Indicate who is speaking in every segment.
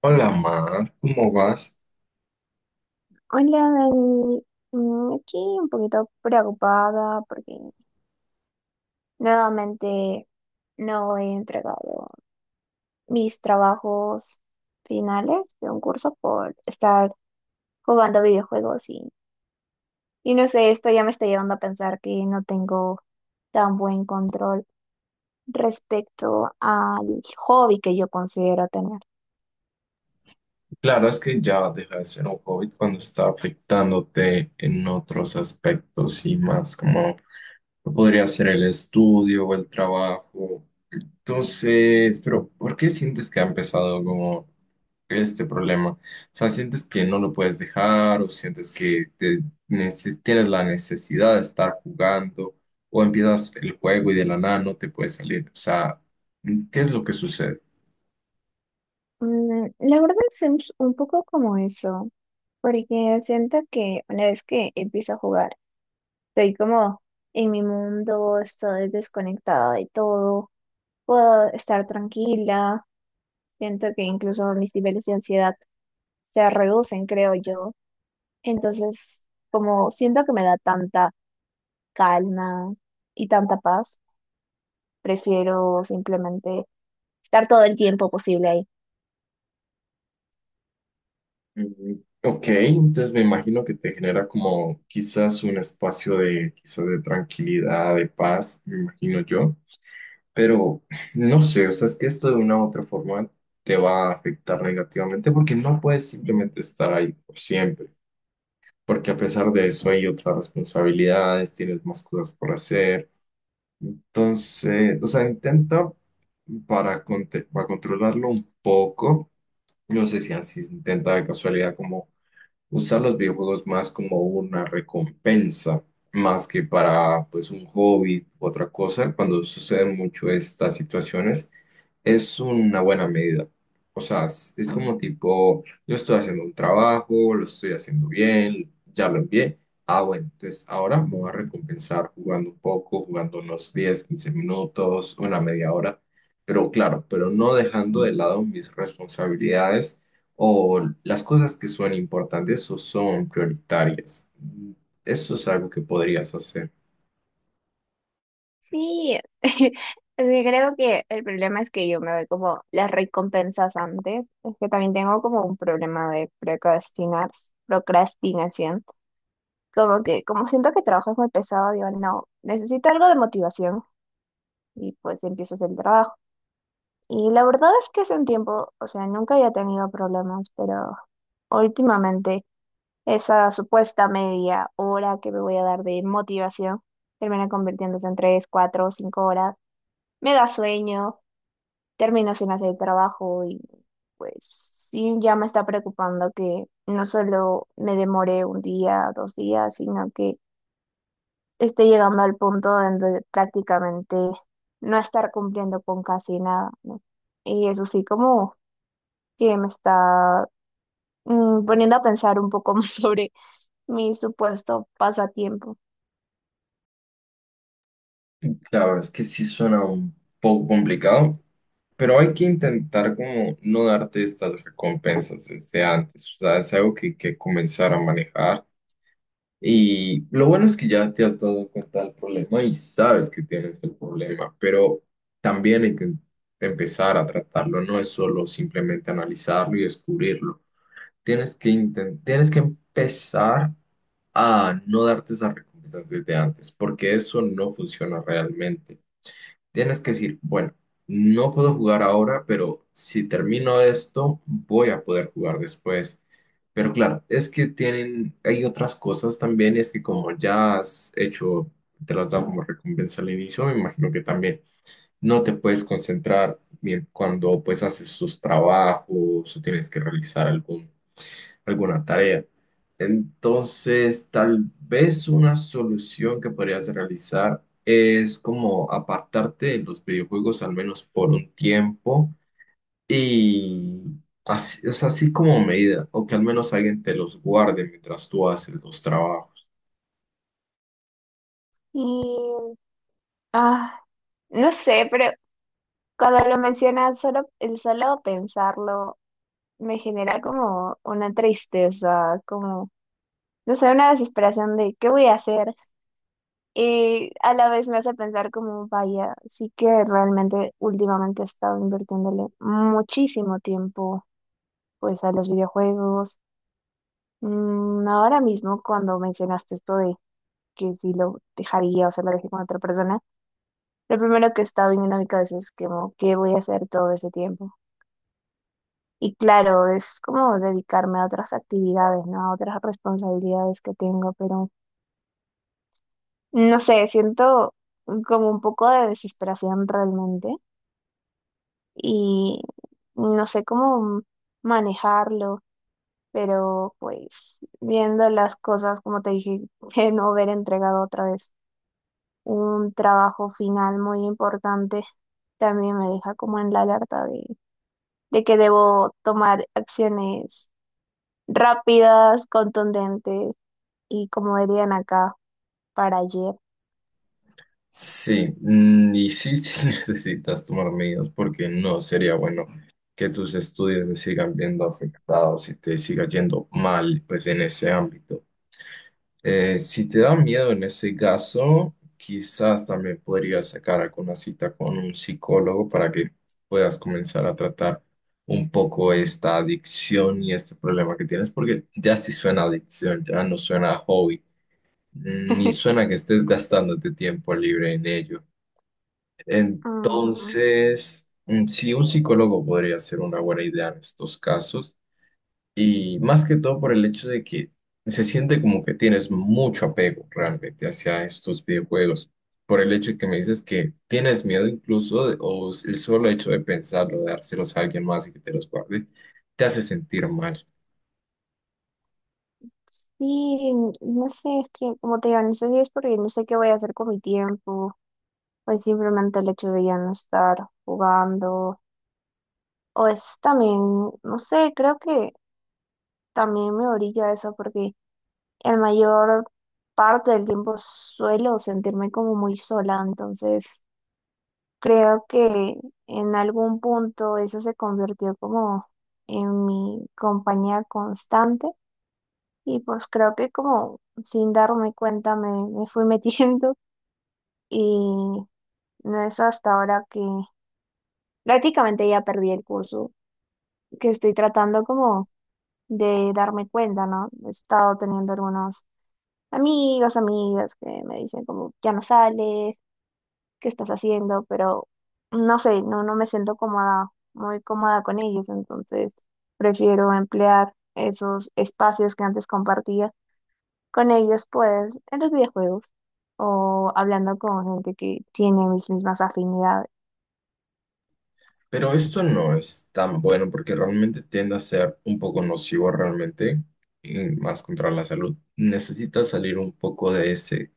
Speaker 1: Hola Mar, ¿cómo vas?
Speaker 2: Hola, Dani. Aquí un poquito preocupada porque nuevamente no he entregado mis trabajos finales de un curso por estar jugando videojuegos y no sé, esto ya me está llevando a pensar que no tengo tan buen control respecto al hobby que yo considero tener.
Speaker 1: Claro, es que ya deja de ser un COVID cuando está afectándote en otros aspectos y más como podría ser el estudio o el trabajo. Entonces, pero ¿por qué sientes que ha empezado como este problema? O sea, ¿sientes que no lo puedes dejar o sientes que te tienes la necesidad de estar jugando o empiezas el juego y de la nada no te puedes salir? O sea, ¿qué es lo que sucede?
Speaker 2: La verdad es un poco como eso, porque siento que una vez que empiezo a jugar, estoy como en mi mundo, estoy desconectada de todo, puedo estar tranquila, siento que incluso mis niveles de ansiedad se reducen, creo yo. Entonces, como siento que me da tanta calma y tanta paz, prefiero simplemente estar todo el tiempo posible ahí.
Speaker 1: Mm, Ok, entonces me imagino que te genera como quizás un espacio de quizás de tranquilidad, de paz, me imagino yo, pero no sé, o sea, es que esto de una u otra forma te va a afectar negativamente porque no puedes simplemente estar ahí por siempre, porque a pesar de eso hay otras responsabilidades, tienes más cosas por hacer, entonces, o sea, intenta para controlarlo un poco, no sé si así intenta de casualidad como usar los videojuegos más como una recompensa, más que para pues un hobby u otra cosa, cuando suceden mucho estas situaciones. Es una buena medida. O sea, es como tipo, yo estoy haciendo un trabajo, lo estoy haciendo bien, ya lo envié. Ah, bueno, entonces ahora me voy a recompensar jugando un poco, jugando unos 10, 15 minutos, una media hora. Pero claro, pero no dejando de lado mis responsabilidades o las cosas que son importantes o son prioritarias. Eso es algo que podrías hacer.
Speaker 2: Sí, sí, creo que el problema es que yo me doy como las recompensas antes, es que también tengo como un problema de procrastinar, procrastinación. Como que, como siento que trabajo es muy pesado, digo, no, necesito algo de motivación y pues empiezo a hacer el trabajo. Y la verdad es que hace un tiempo, o sea, nunca había tenido problemas, pero últimamente esa supuesta media hora que me voy a dar de motivación termina convirtiéndose en 3, 4, 5 horas. Me da sueño, termino sin hacer el trabajo y pues sí, ya me está preocupando que no solo me demore 1 día, 2 días, sino que estoy llegando al punto donde prácticamente no estar cumpliendo con casi nada, ¿no? Y eso sí, como que me está poniendo a pensar un poco más sobre mi supuesto pasatiempo.
Speaker 1: Claro, es que sí suena un poco complicado. Pero hay que intentar como no darte estas recompensas desde antes, o sea, es algo que hay que comenzar a manejar. Y lo bueno es que ya te has dado cuenta del problema y sabes que tienes el problema, pero también hay que empezar a tratarlo, no es solo simplemente analizarlo y descubrirlo. Tienes que tienes que empezar a no darte esas recompensas desde antes, porque eso no funciona realmente. Tienes que decir, bueno, no puedo jugar ahora, pero si termino esto, voy a poder jugar después. Pero claro, es que tienen, hay otras cosas también, y es que como ya has hecho, te las dado como recompensa al inicio, me imagino que también no te puedes concentrar bien cuando pues haces sus trabajos o tienes que realizar algún alguna tarea. Entonces, tal vez una solución que podrías realizar es como apartarte de los videojuegos al menos por un tiempo y así, o sea, así como medida, o que al menos alguien te los guarde mientras tú haces los trabajos.
Speaker 2: Y, ah, no sé, pero cuando lo mencionas, el solo pensarlo me genera como una tristeza, como, no sé, una desesperación de ¿qué voy a hacer? Y a la vez me hace pensar como, vaya, sí que realmente últimamente he estado invirtiéndole muchísimo tiempo pues a los videojuegos. Ahora mismo cuando mencionaste esto de que si lo dejaría o se lo dejé con otra persona, lo primero que estaba viniendo a mi cabeza es como, ¿qué voy a hacer todo ese tiempo? Y claro, es como dedicarme a otras actividades, ¿no? A otras responsabilidades que tengo, pero no sé, siento como un poco de desesperación realmente y no sé cómo manejarlo, pero pues viendo las cosas, como te dije, de no haber entregado otra vez un trabajo final muy importante, también me deja como en la alerta de que debo tomar acciones rápidas, contundentes y como dirían acá, para ayer.
Speaker 1: Sí, mm, y sí, sí necesitas tomar medidas porque no sería bueno que tus estudios se sigan viendo afectados y te siga yendo mal pues en ese ámbito. Si te da miedo en ese caso, quizás también podrías sacar alguna cita con un psicólogo para que puedas comenzar a tratar un poco esta adicción y este problema que tienes, porque ya sí suena adicción, ya no suena hobby, ni suena que estés gastándote tiempo libre en ello.
Speaker 2: Ujú.
Speaker 1: Entonces, sí, un psicólogo podría ser una buena idea en estos casos. Y más que todo por el hecho de que se siente como que tienes mucho apego realmente hacia estos videojuegos. Por el hecho de que me dices que tienes miedo incluso, o el solo hecho de pensarlo, de dárselos a alguien más y que te los guarde, te hace sentir mal.
Speaker 2: Sí, no sé, es que como te digo, no sé si es porque no sé qué voy a hacer con mi tiempo pues simplemente el hecho de ya no estar jugando. O es también, no sé, creo que también me orilla a eso porque el mayor parte del tiempo suelo sentirme como muy sola, entonces creo que en algún punto eso se convirtió como en mi compañía constante y pues creo que como sin darme cuenta me fui metiendo y no es hasta ahora que prácticamente ya perdí el curso que estoy tratando como de darme cuenta, ¿no? He estado teniendo algunos amigos, amigas que me dicen como, ya no sales, ¿qué estás haciendo? Pero no sé, no, no me siento cómoda, muy cómoda con ellos, entonces prefiero emplear esos espacios que antes compartía con ellos, pues en los videojuegos o hablando con gente que tiene mis mismas afinidades.
Speaker 1: Pero esto no es tan bueno porque realmente tiende a ser un poco nocivo realmente, y más contra la salud. Necesitas salir un poco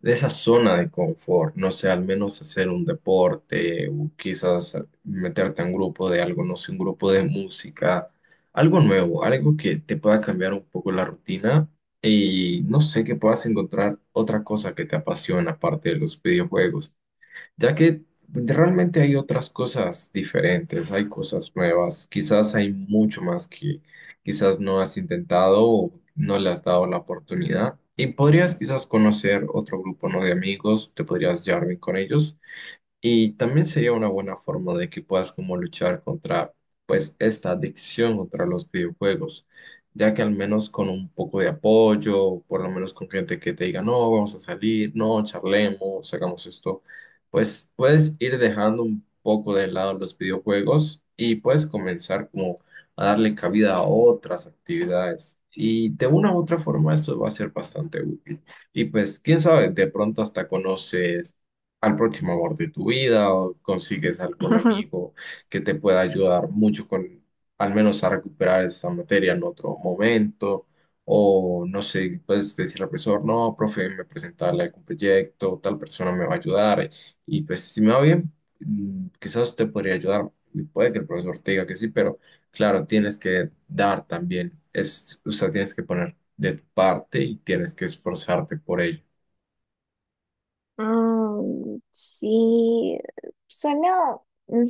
Speaker 1: de esa zona de confort, no sé, al menos hacer un deporte o quizás meterte a un grupo de algo, no sé, un grupo de música, algo nuevo, algo que te pueda cambiar un poco la rutina y no sé, que puedas encontrar otra cosa que te apasiona aparte de los videojuegos ya que realmente hay otras cosas diferentes, hay cosas nuevas, quizás hay mucho más que quizás no has intentado o no le has dado la oportunidad. Y podrías quizás conocer otro grupo, ¿no?, de amigos, te podrías llevar bien con ellos y también sería una buena forma de que puedas como luchar contra pues esta adicción contra los videojuegos, ya que al menos con un poco de apoyo, por lo menos con gente que te diga, no, vamos a salir, no, charlemos, hagamos esto, pues puedes ir dejando un poco de lado los videojuegos y puedes comenzar como a darle cabida a otras actividades. Y de una u otra forma esto va a ser bastante útil. Y pues, quién sabe, de pronto hasta conoces al próximo amor de tu vida o consigues algún amigo que te pueda ayudar mucho con al menos a recuperar esta materia en otro momento o no sé, puedes decirle al profesor, no, profe, me presentarle algún proyecto, tal persona me va a ayudar y pues si me va bien, quizás te podría ayudar y puede que el profesor te diga que sí, pero claro, tienes que dar también, es, o sea, tienes que poner de tu parte y tienes que esforzarte por ello.
Speaker 2: Sí, suena,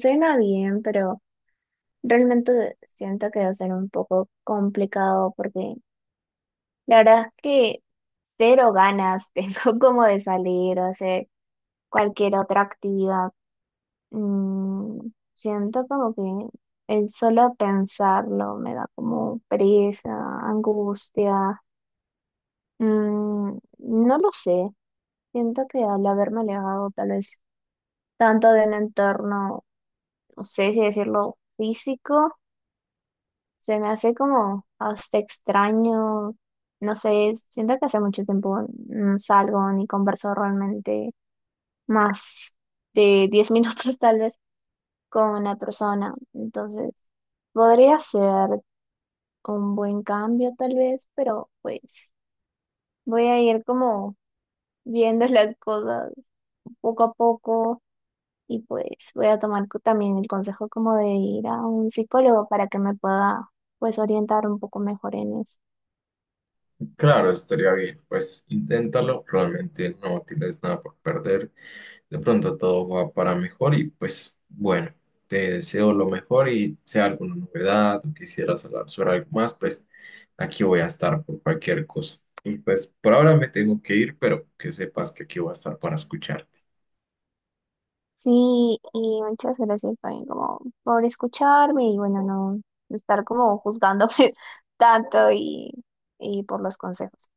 Speaker 2: suena bien, pero realmente siento que va a ser un poco complicado porque la verdad es que cero ganas tengo como de salir o hacer cualquier otra actividad. Siento como que el solo pensarlo me da como pereza, angustia. No lo sé, siento que al haberme alejado tal vez tanto de un entorno no sé si decirlo físico, se me hace como hasta extraño, no sé, siento que hace mucho tiempo no salgo ni converso realmente más de 10 minutos tal vez con una persona, entonces podría ser un buen cambio tal vez, pero pues voy a ir como viendo las cosas poco a poco. Y pues voy a tomar también el consejo como de ir a un psicólogo para que me pueda pues orientar un poco mejor en eso.
Speaker 1: Claro, estaría bien. Pues inténtalo, realmente no tienes nada por perder. De pronto todo va para mejor y pues bueno, te deseo lo mejor y sea alguna novedad o quisieras hablar sobre algo más, pues aquí voy a estar por cualquier cosa. Y pues por ahora me tengo que ir, pero que sepas que aquí voy a estar para escucharte.
Speaker 2: Sí, y muchas gracias también como por escucharme y bueno, no estar como juzgándome tanto y por los consejos.